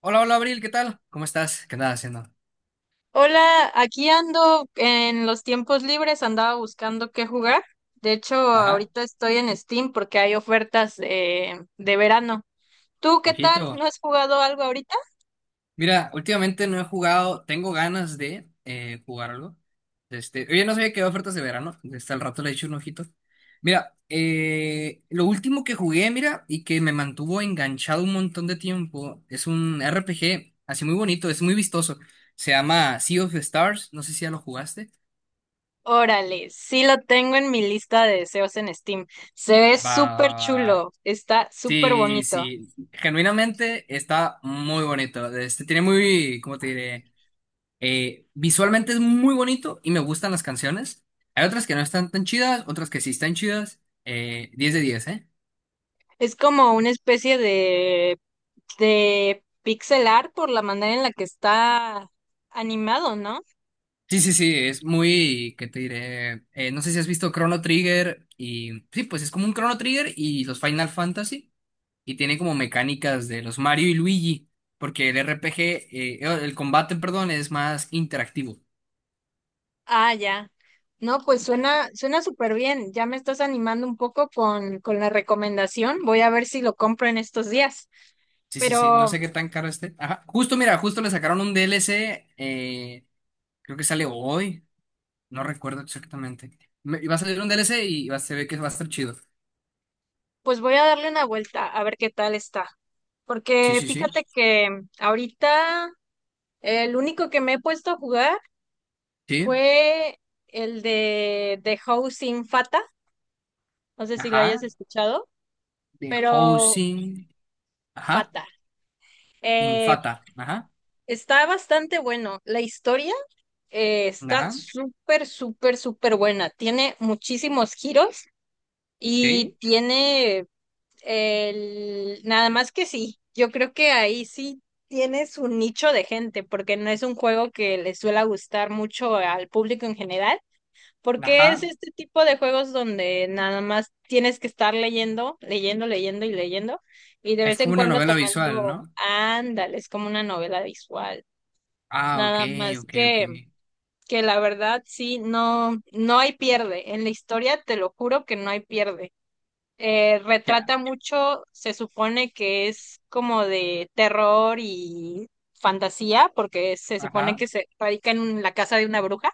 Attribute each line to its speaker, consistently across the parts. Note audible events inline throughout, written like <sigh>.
Speaker 1: Hola, hola Abril, ¿qué tal? ¿Cómo estás? ¿Qué andas haciendo?
Speaker 2: Hola, aquí ando en los tiempos libres, andaba buscando qué jugar. De hecho,
Speaker 1: Ajá,
Speaker 2: ahorita estoy en Steam porque hay ofertas de verano. ¿Tú qué tal?
Speaker 1: ojito.
Speaker 2: ¿No has jugado algo ahorita?
Speaker 1: Mira, últimamente no he jugado, tengo ganas de jugarlo. Este, oye, no sabía que había ofertas de verano, hasta el rato le he hecho un ojito. Mira, lo último que jugué, mira, y que me mantuvo enganchado un montón de tiempo, es un RPG, así muy bonito, es muy vistoso. Se llama Sea of Stars, no sé si ya lo jugaste.
Speaker 2: Órale, sí lo tengo en mi lista de deseos en Steam. Se ve
Speaker 1: Va,
Speaker 2: súper
Speaker 1: va, va.
Speaker 2: chulo, está súper
Speaker 1: Sí,
Speaker 2: bonito.
Speaker 1: sí, genuinamente está muy bonito. Este tiene muy, ¿cómo te diré? Visualmente es muy bonito y me gustan las canciones. Hay otras que no están tan chidas, otras que sí están chidas. 10 de 10, ¿eh?
Speaker 2: Es como una especie de pixel art por la manera en la que está animado, ¿no?
Speaker 1: Sí, sí, sí, es muy, ¿qué te diré? No sé si has visto Chrono Trigger y sí, pues es como un Chrono Trigger y los Final Fantasy y tiene como mecánicas de los Mario y Luigi, porque el RPG, el combate, perdón, es más interactivo.
Speaker 2: Ah, ya. No, pues suena súper bien. Ya me estás animando un poco con la recomendación. Voy a ver si lo compro en estos días.
Speaker 1: Sí, sí, sí, no
Speaker 2: Pero
Speaker 1: sé qué tan caro esté. Ajá, justo, mira, justo le sacaron un DLC, creo que sale hoy, no recuerdo exactamente. Va a salir un DLC y va, se ve que va a estar chido.
Speaker 2: pues voy a darle una vuelta a ver qué tal está.
Speaker 1: Sí,
Speaker 2: Porque
Speaker 1: sí, sí,
Speaker 2: fíjate que ahorita el único que me he puesto a jugar
Speaker 1: sí,
Speaker 2: fue el de The Housing Fata. No sé si lo hayas
Speaker 1: ajá,
Speaker 2: escuchado,
Speaker 1: de
Speaker 2: pero
Speaker 1: Housing, ajá,
Speaker 2: Fata. Eh,
Speaker 1: Infata, ajá,
Speaker 2: Está bastante bueno. La historia, está
Speaker 1: ajá,
Speaker 2: súper buena. Tiene muchísimos giros
Speaker 1: sí,
Speaker 2: y tiene el... Nada más que sí, yo creo que ahí sí tiene su nicho de gente, porque no es un juego que le suele gustar mucho al público en general, porque es
Speaker 1: ajá.
Speaker 2: este tipo de juegos donde nada más tienes que estar leyendo, leyendo, leyendo y leyendo, y de
Speaker 1: Es
Speaker 2: vez en
Speaker 1: como una
Speaker 2: cuando
Speaker 1: novela visual,
Speaker 2: tomando,
Speaker 1: ¿no?
Speaker 2: ándale, es como una novela visual.
Speaker 1: Ah, ok,
Speaker 2: Nada más
Speaker 1: ok, ok,
Speaker 2: que la verdad sí, no, no hay pierde. En la historia te lo juro que no hay pierde.
Speaker 1: ya,
Speaker 2: Retrata mucho, se supone que es como de terror y fantasía, porque se supone
Speaker 1: ajá,
Speaker 2: que se radica en la casa de una bruja.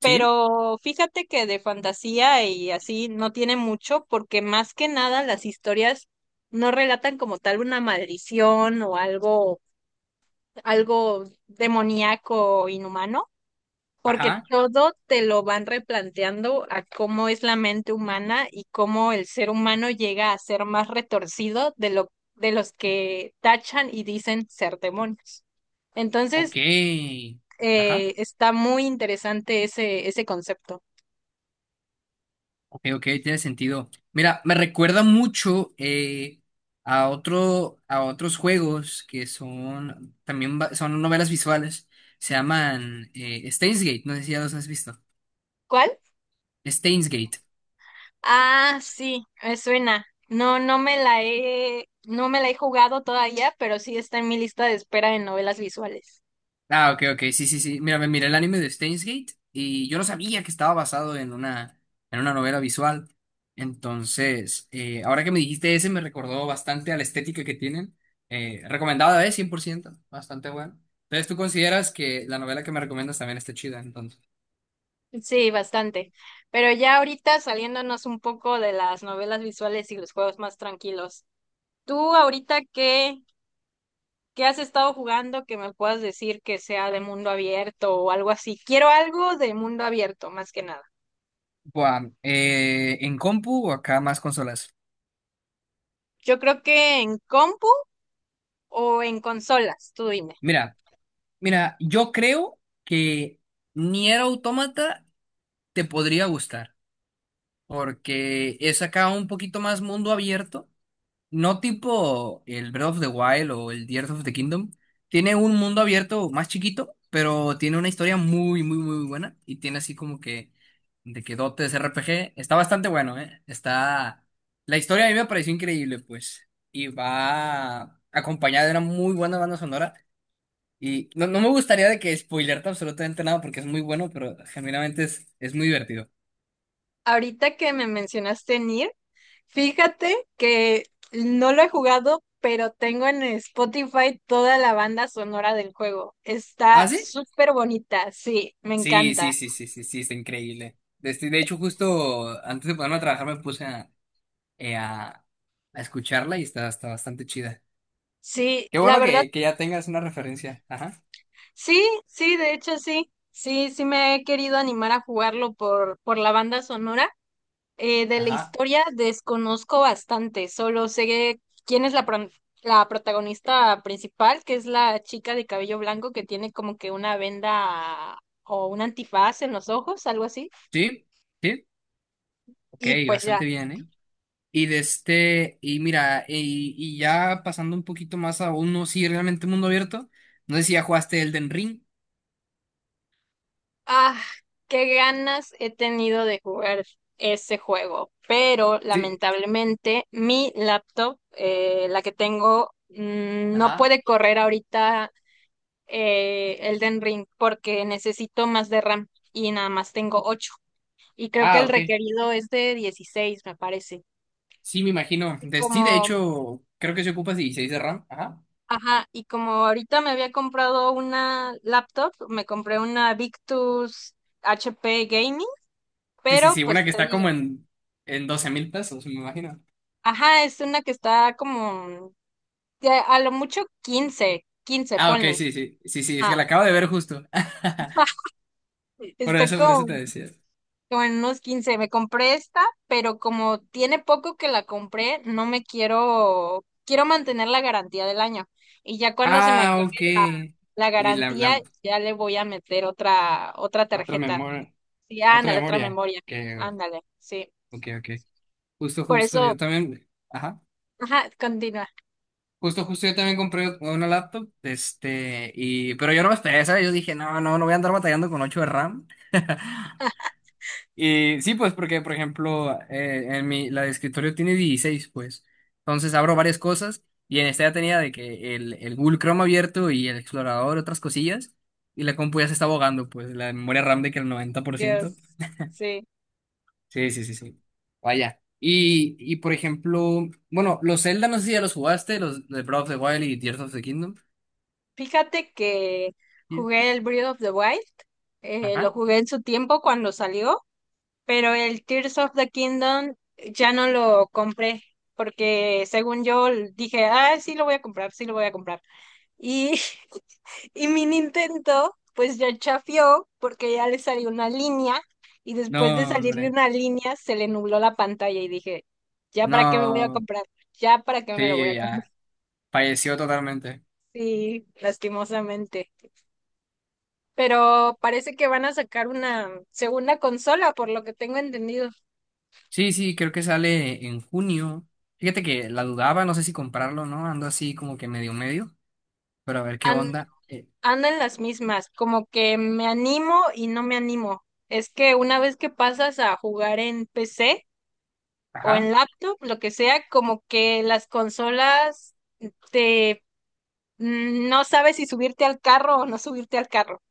Speaker 1: sí,
Speaker 2: Pero fíjate que de fantasía y así no tiene mucho, porque más que nada las historias no relatan como tal una maldición o algo, algo demoníaco o inhumano, porque
Speaker 1: ajá,
Speaker 2: todo te lo van replanteando a cómo es la mente humana y cómo el ser humano llega a ser más retorcido de lo de los que tachan y dicen ser demonios.
Speaker 1: ok,
Speaker 2: Entonces,
Speaker 1: ajá.
Speaker 2: está muy interesante ese concepto.
Speaker 1: Ok, ok, tiene sentido. Mira, me recuerda mucho a otros juegos que son también son novelas visuales. Se llaman Steins Gate, no sé si ya los has visto.
Speaker 2: ¿Cuál?
Speaker 1: Steins Gate.
Speaker 2: Ah, sí, me suena. No, no me la he jugado todavía, pero sí está en mi lista de espera de novelas visuales.
Speaker 1: Ah, ok, ok, sí, sí, sí. Mira, me miré el anime de Steins Gate y yo no sabía que estaba basado en una novela visual. Entonces, ahora que me dijiste ese, me recordó bastante a la estética que tienen. Recomendada, es 100%, bastante buena. Entonces, ¿tú consideras que la novela que me recomiendas también está chida, entonces?
Speaker 2: Sí, bastante. Pero ya ahorita saliéndonos un poco de las novelas visuales y los juegos más tranquilos. ¿Tú ahorita qué has estado jugando que me puedas decir que sea de mundo abierto o algo así? Quiero algo de mundo abierto, más que nada.
Speaker 1: Buah, ¿en compu o acá más consolas?
Speaker 2: Yo creo que en compu o en consolas, tú dime.
Speaker 1: Mira, mira, yo creo que Nier Automata te podría gustar, porque es acá un poquito más mundo abierto no tipo el Breath of the Wild o el Tears of the Kingdom. Tiene un mundo abierto más chiquito, pero tiene una historia muy, muy, muy buena. Y tiene así como que de que dotes RPG. Está bastante bueno, ¿eh? Está. La historia a mí me pareció increíble, pues. Y va acompañada de una muy buena banda sonora. Y no, no me gustaría de que spoilearte absolutamente nada porque es muy bueno, pero genuinamente es muy divertido.
Speaker 2: Ahorita que me mencionaste Nier, fíjate que no lo he jugado, pero tengo en Spotify toda la banda sonora del juego.
Speaker 1: ¿Ah,
Speaker 2: Está
Speaker 1: sí?
Speaker 2: súper bonita, sí, me
Speaker 1: Sí,
Speaker 2: encanta.
Speaker 1: sí, sí, sí, sí, sí, está increíble. Este, de hecho, justo antes de ponerme a trabajar me puse eh, a, a escucharla y está bastante chida.
Speaker 2: Sí,
Speaker 1: Qué
Speaker 2: la
Speaker 1: bueno
Speaker 2: verdad,
Speaker 1: que ya tengas una referencia. Ajá.
Speaker 2: sí, sí, de hecho sí. Sí, sí me he querido animar a jugarlo por la banda sonora. De la
Speaker 1: Ajá.
Speaker 2: historia desconozco bastante, solo sé quién es la protagonista principal, que es la chica de cabello blanco que tiene como que una venda o un antifaz en los ojos, algo así.
Speaker 1: Sí, sí. Ok,
Speaker 2: Y pues
Speaker 1: bastante
Speaker 2: ya,
Speaker 1: bien, ¿eh? Y de este, y mira, y ya pasando un poquito más a uno, sí, realmente mundo abierto. No sé si ya jugaste Elden Ring.
Speaker 2: ah, qué ganas he tenido de jugar ese juego, pero
Speaker 1: Sí.
Speaker 2: lamentablemente mi laptop, la que tengo, no
Speaker 1: Ajá.
Speaker 2: puede correr ahorita Elden Ring porque necesito más de RAM y nada más tengo 8. Y creo que
Speaker 1: Ah,
Speaker 2: el
Speaker 1: ok.
Speaker 2: requerido es de 16, me parece.
Speaker 1: Sí, me imagino.
Speaker 2: Y
Speaker 1: Sí, de
Speaker 2: como,
Speaker 1: hecho, creo que se ocupa 16 de RAM. Ajá.
Speaker 2: ajá, y como ahorita me había comprado una laptop, me compré una Victus HP Gaming,
Speaker 1: Sí, sí,
Speaker 2: pero
Speaker 1: sí, una
Speaker 2: pues
Speaker 1: que
Speaker 2: te
Speaker 1: está
Speaker 2: digo,
Speaker 1: como en 12,000 pesos, me imagino.
Speaker 2: ajá, es una que está como de a lo mucho quince, 15
Speaker 1: Ah, ok,
Speaker 2: ponle.
Speaker 1: sí, sí, sí, sí, es que
Speaker 2: Ah,
Speaker 1: la acabo de ver justo. <laughs>
Speaker 2: <laughs> está
Speaker 1: Por eso
Speaker 2: como
Speaker 1: te decía.
Speaker 2: como en unos 15. Me compré esta, pero como tiene poco que la compré, no me quiero, quiero mantener la garantía del año. Y ya cuando se me
Speaker 1: Ah,
Speaker 2: acabe
Speaker 1: ok.
Speaker 2: la, la
Speaker 1: Y la,
Speaker 2: garantía,
Speaker 1: la
Speaker 2: ya le voy a meter otra
Speaker 1: otra
Speaker 2: tarjeta.
Speaker 1: memoria,
Speaker 2: Sí,
Speaker 1: otra
Speaker 2: ándale, otra
Speaker 1: memoria.
Speaker 2: memoria. Ándale, sí.
Speaker 1: Ok, ok. Justo,
Speaker 2: Por
Speaker 1: justo,
Speaker 2: eso,
Speaker 1: yo también, ajá.
Speaker 2: ajá, continúa.
Speaker 1: Justo, justo, yo también compré una laptop, este, pero yo no batallé, ¿sabes? Yo dije, no, no, no voy a andar batallando con 8 de RAM. <laughs> Y sí, pues porque, por ejemplo, la de escritorio tiene 16 pues. Entonces abro varias cosas y en esta ya tenía de que el Google Chrome abierto y el explorador, otras cosillas. Y la compu ya se está abogando, pues la memoria RAM de que el noventa por
Speaker 2: Dios,
Speaker 1: ciento
Speaker 2: sí.
Speaker 1: Sí, sí, sí, sí. Vaya. Y por ejemplo, bueno, los Zelda, no sé si ya los jugaste, los de Breath of the Wild y Tears of the Kingdom.
Speaker 2: Fíjate que jugué
Speaker 1: Years.
Speaker 2: el Breath of the Wild. Lo
Speaker 1: Ajá.
Speaker 2: jugué en su tiempo cuando salió, pero el Tears of the Kingdom ya no lo compré, porque según yo dije, ah, sí lo voy a comprar, sí lo voy a comprar. Y <laughs> y mi Nintendo, pues ya chafió, porque ya le salió una línea, y
Speaker 1: No,
Speaker 2: después de salirle
Speaker 1: hombre.
Speaker 2: una línea, se le nubló la pantalla y dije, ya para qué me voy a
Speaker 1: No.
Speaker 2: comprar, ya para qué me lo voy
Speaker 1: Sí,
Speaker 2: a comprar.
Speaker 1: ya.
Speaker 2: <laughs>
Speaker 1: Falleció totalmente.
Speaker 2: Sí, lastimosamente. Pero parece que van a sacar una segunda consola, por lo que tengo entendido.
Speaker 1: Sí, sí, creo que sale en junio. Fíjate que la dudaba, no sé si comprarlo o no, ando así como que medio medio, pero a ver qué onda.
Speaker 2: Ando en las mismas, como que me animo y no me animo. Es que una vez que pasas a jugar en PC o
Speaker 1: Ajá,
Speaker 2: en laptop, lo que sea, como que las consolas te no sabes si subirte al carro o no subirte al carro.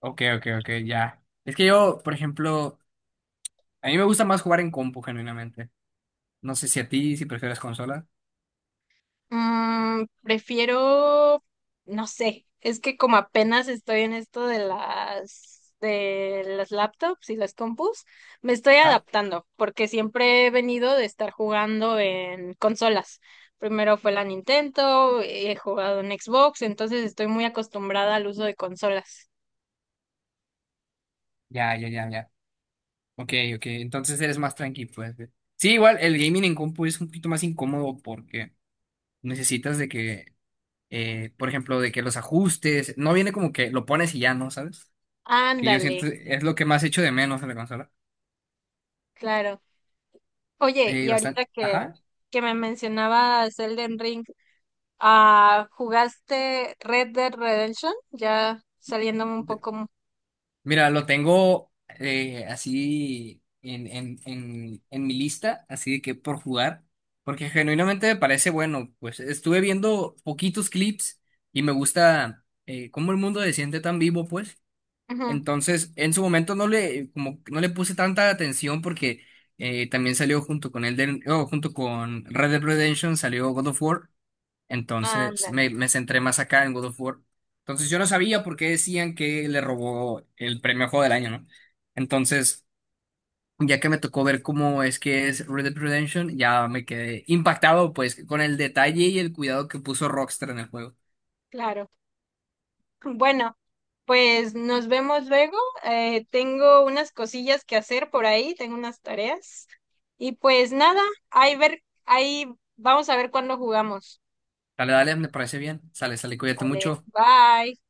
Speaker 1: ok, ok, ok, ya. Es que yo, por ejemplo, a mí me gusta más jugar en compu, genuinamente. No sé si a ti, si prefieres consola.
Speaker 2: Mm, prefiero, no sé, es que como apenas estoy en esto de las laptops y las compus, me estoy
Speaker 1: Ajá,
Speaker 2: adaptando, porque siempre he venido de estar jugando en consolas. Primero fue la Nintendo, he jugado en Xbox, entonces estoy muy acostumbrada al uso de consolas.
Speaker 1: ya, ya, ya, ya. Ok, ok, entonces eres más tranqui pues. Sí, igual el gaming en compu es un poquito más incómodo porque necesitas de que, por ejemplo, de que los ajustes, no viene como que lo pones y ya, ¿no? ¿Sabes? Que yo
Speaker 2: Ándale,
Speaker 1: siento es lo que más echo de menos en la consola.
Speaker 2: claro. Oye, y
Speaker 1: Bastante.
Speaker 2: ahorita
Speaker 1: Ajá.
Speaker 2: que me mencionabas Elden Ring, ah, ¿jugaste Red Dead Redemption? Ya saliéndome un
Speaker 1: De-
Speaker 2: poco.
Speaker 1: Mira, lo tengo así en mi lista, así de que por jugar, porque genuinamente me parece bueno. Pues estuve viendo poquitos clips y me gusta cómo el mundo se siente tan vivo, pues.
Speaker 2: Ujú.
Speaker 1: Entonces, en su momento como, que no le puse tanta atención porque también salió junto con Red Dead Redemption, salió God of War. Entonces
Speaker 2: Ándale,
Speaker 1: me centré más acá en God of War. Entonces yo no sabía por qué decían que le robó el premio a Juego del Año, ¿no? Entonces, ya que me tocó ver cómo es que es Red Dead Redemption, ya me quedé impactado pues con el detalle y el cuidado que puso Rockstar en el juego.
Speaker 2: claro. Bueno, pues nos vemos luego. Tengo unas cosillas que hacer por ahí, tengo unas tareas. Y pues nada, ahí vamos a ver cuándo jugamos.
Speaker 1: Dale, dale, me parece bien. Sale, sale, cuídate
Speaker 2: Vale,
Speaker 1: mucho.
Speaker 2: bye.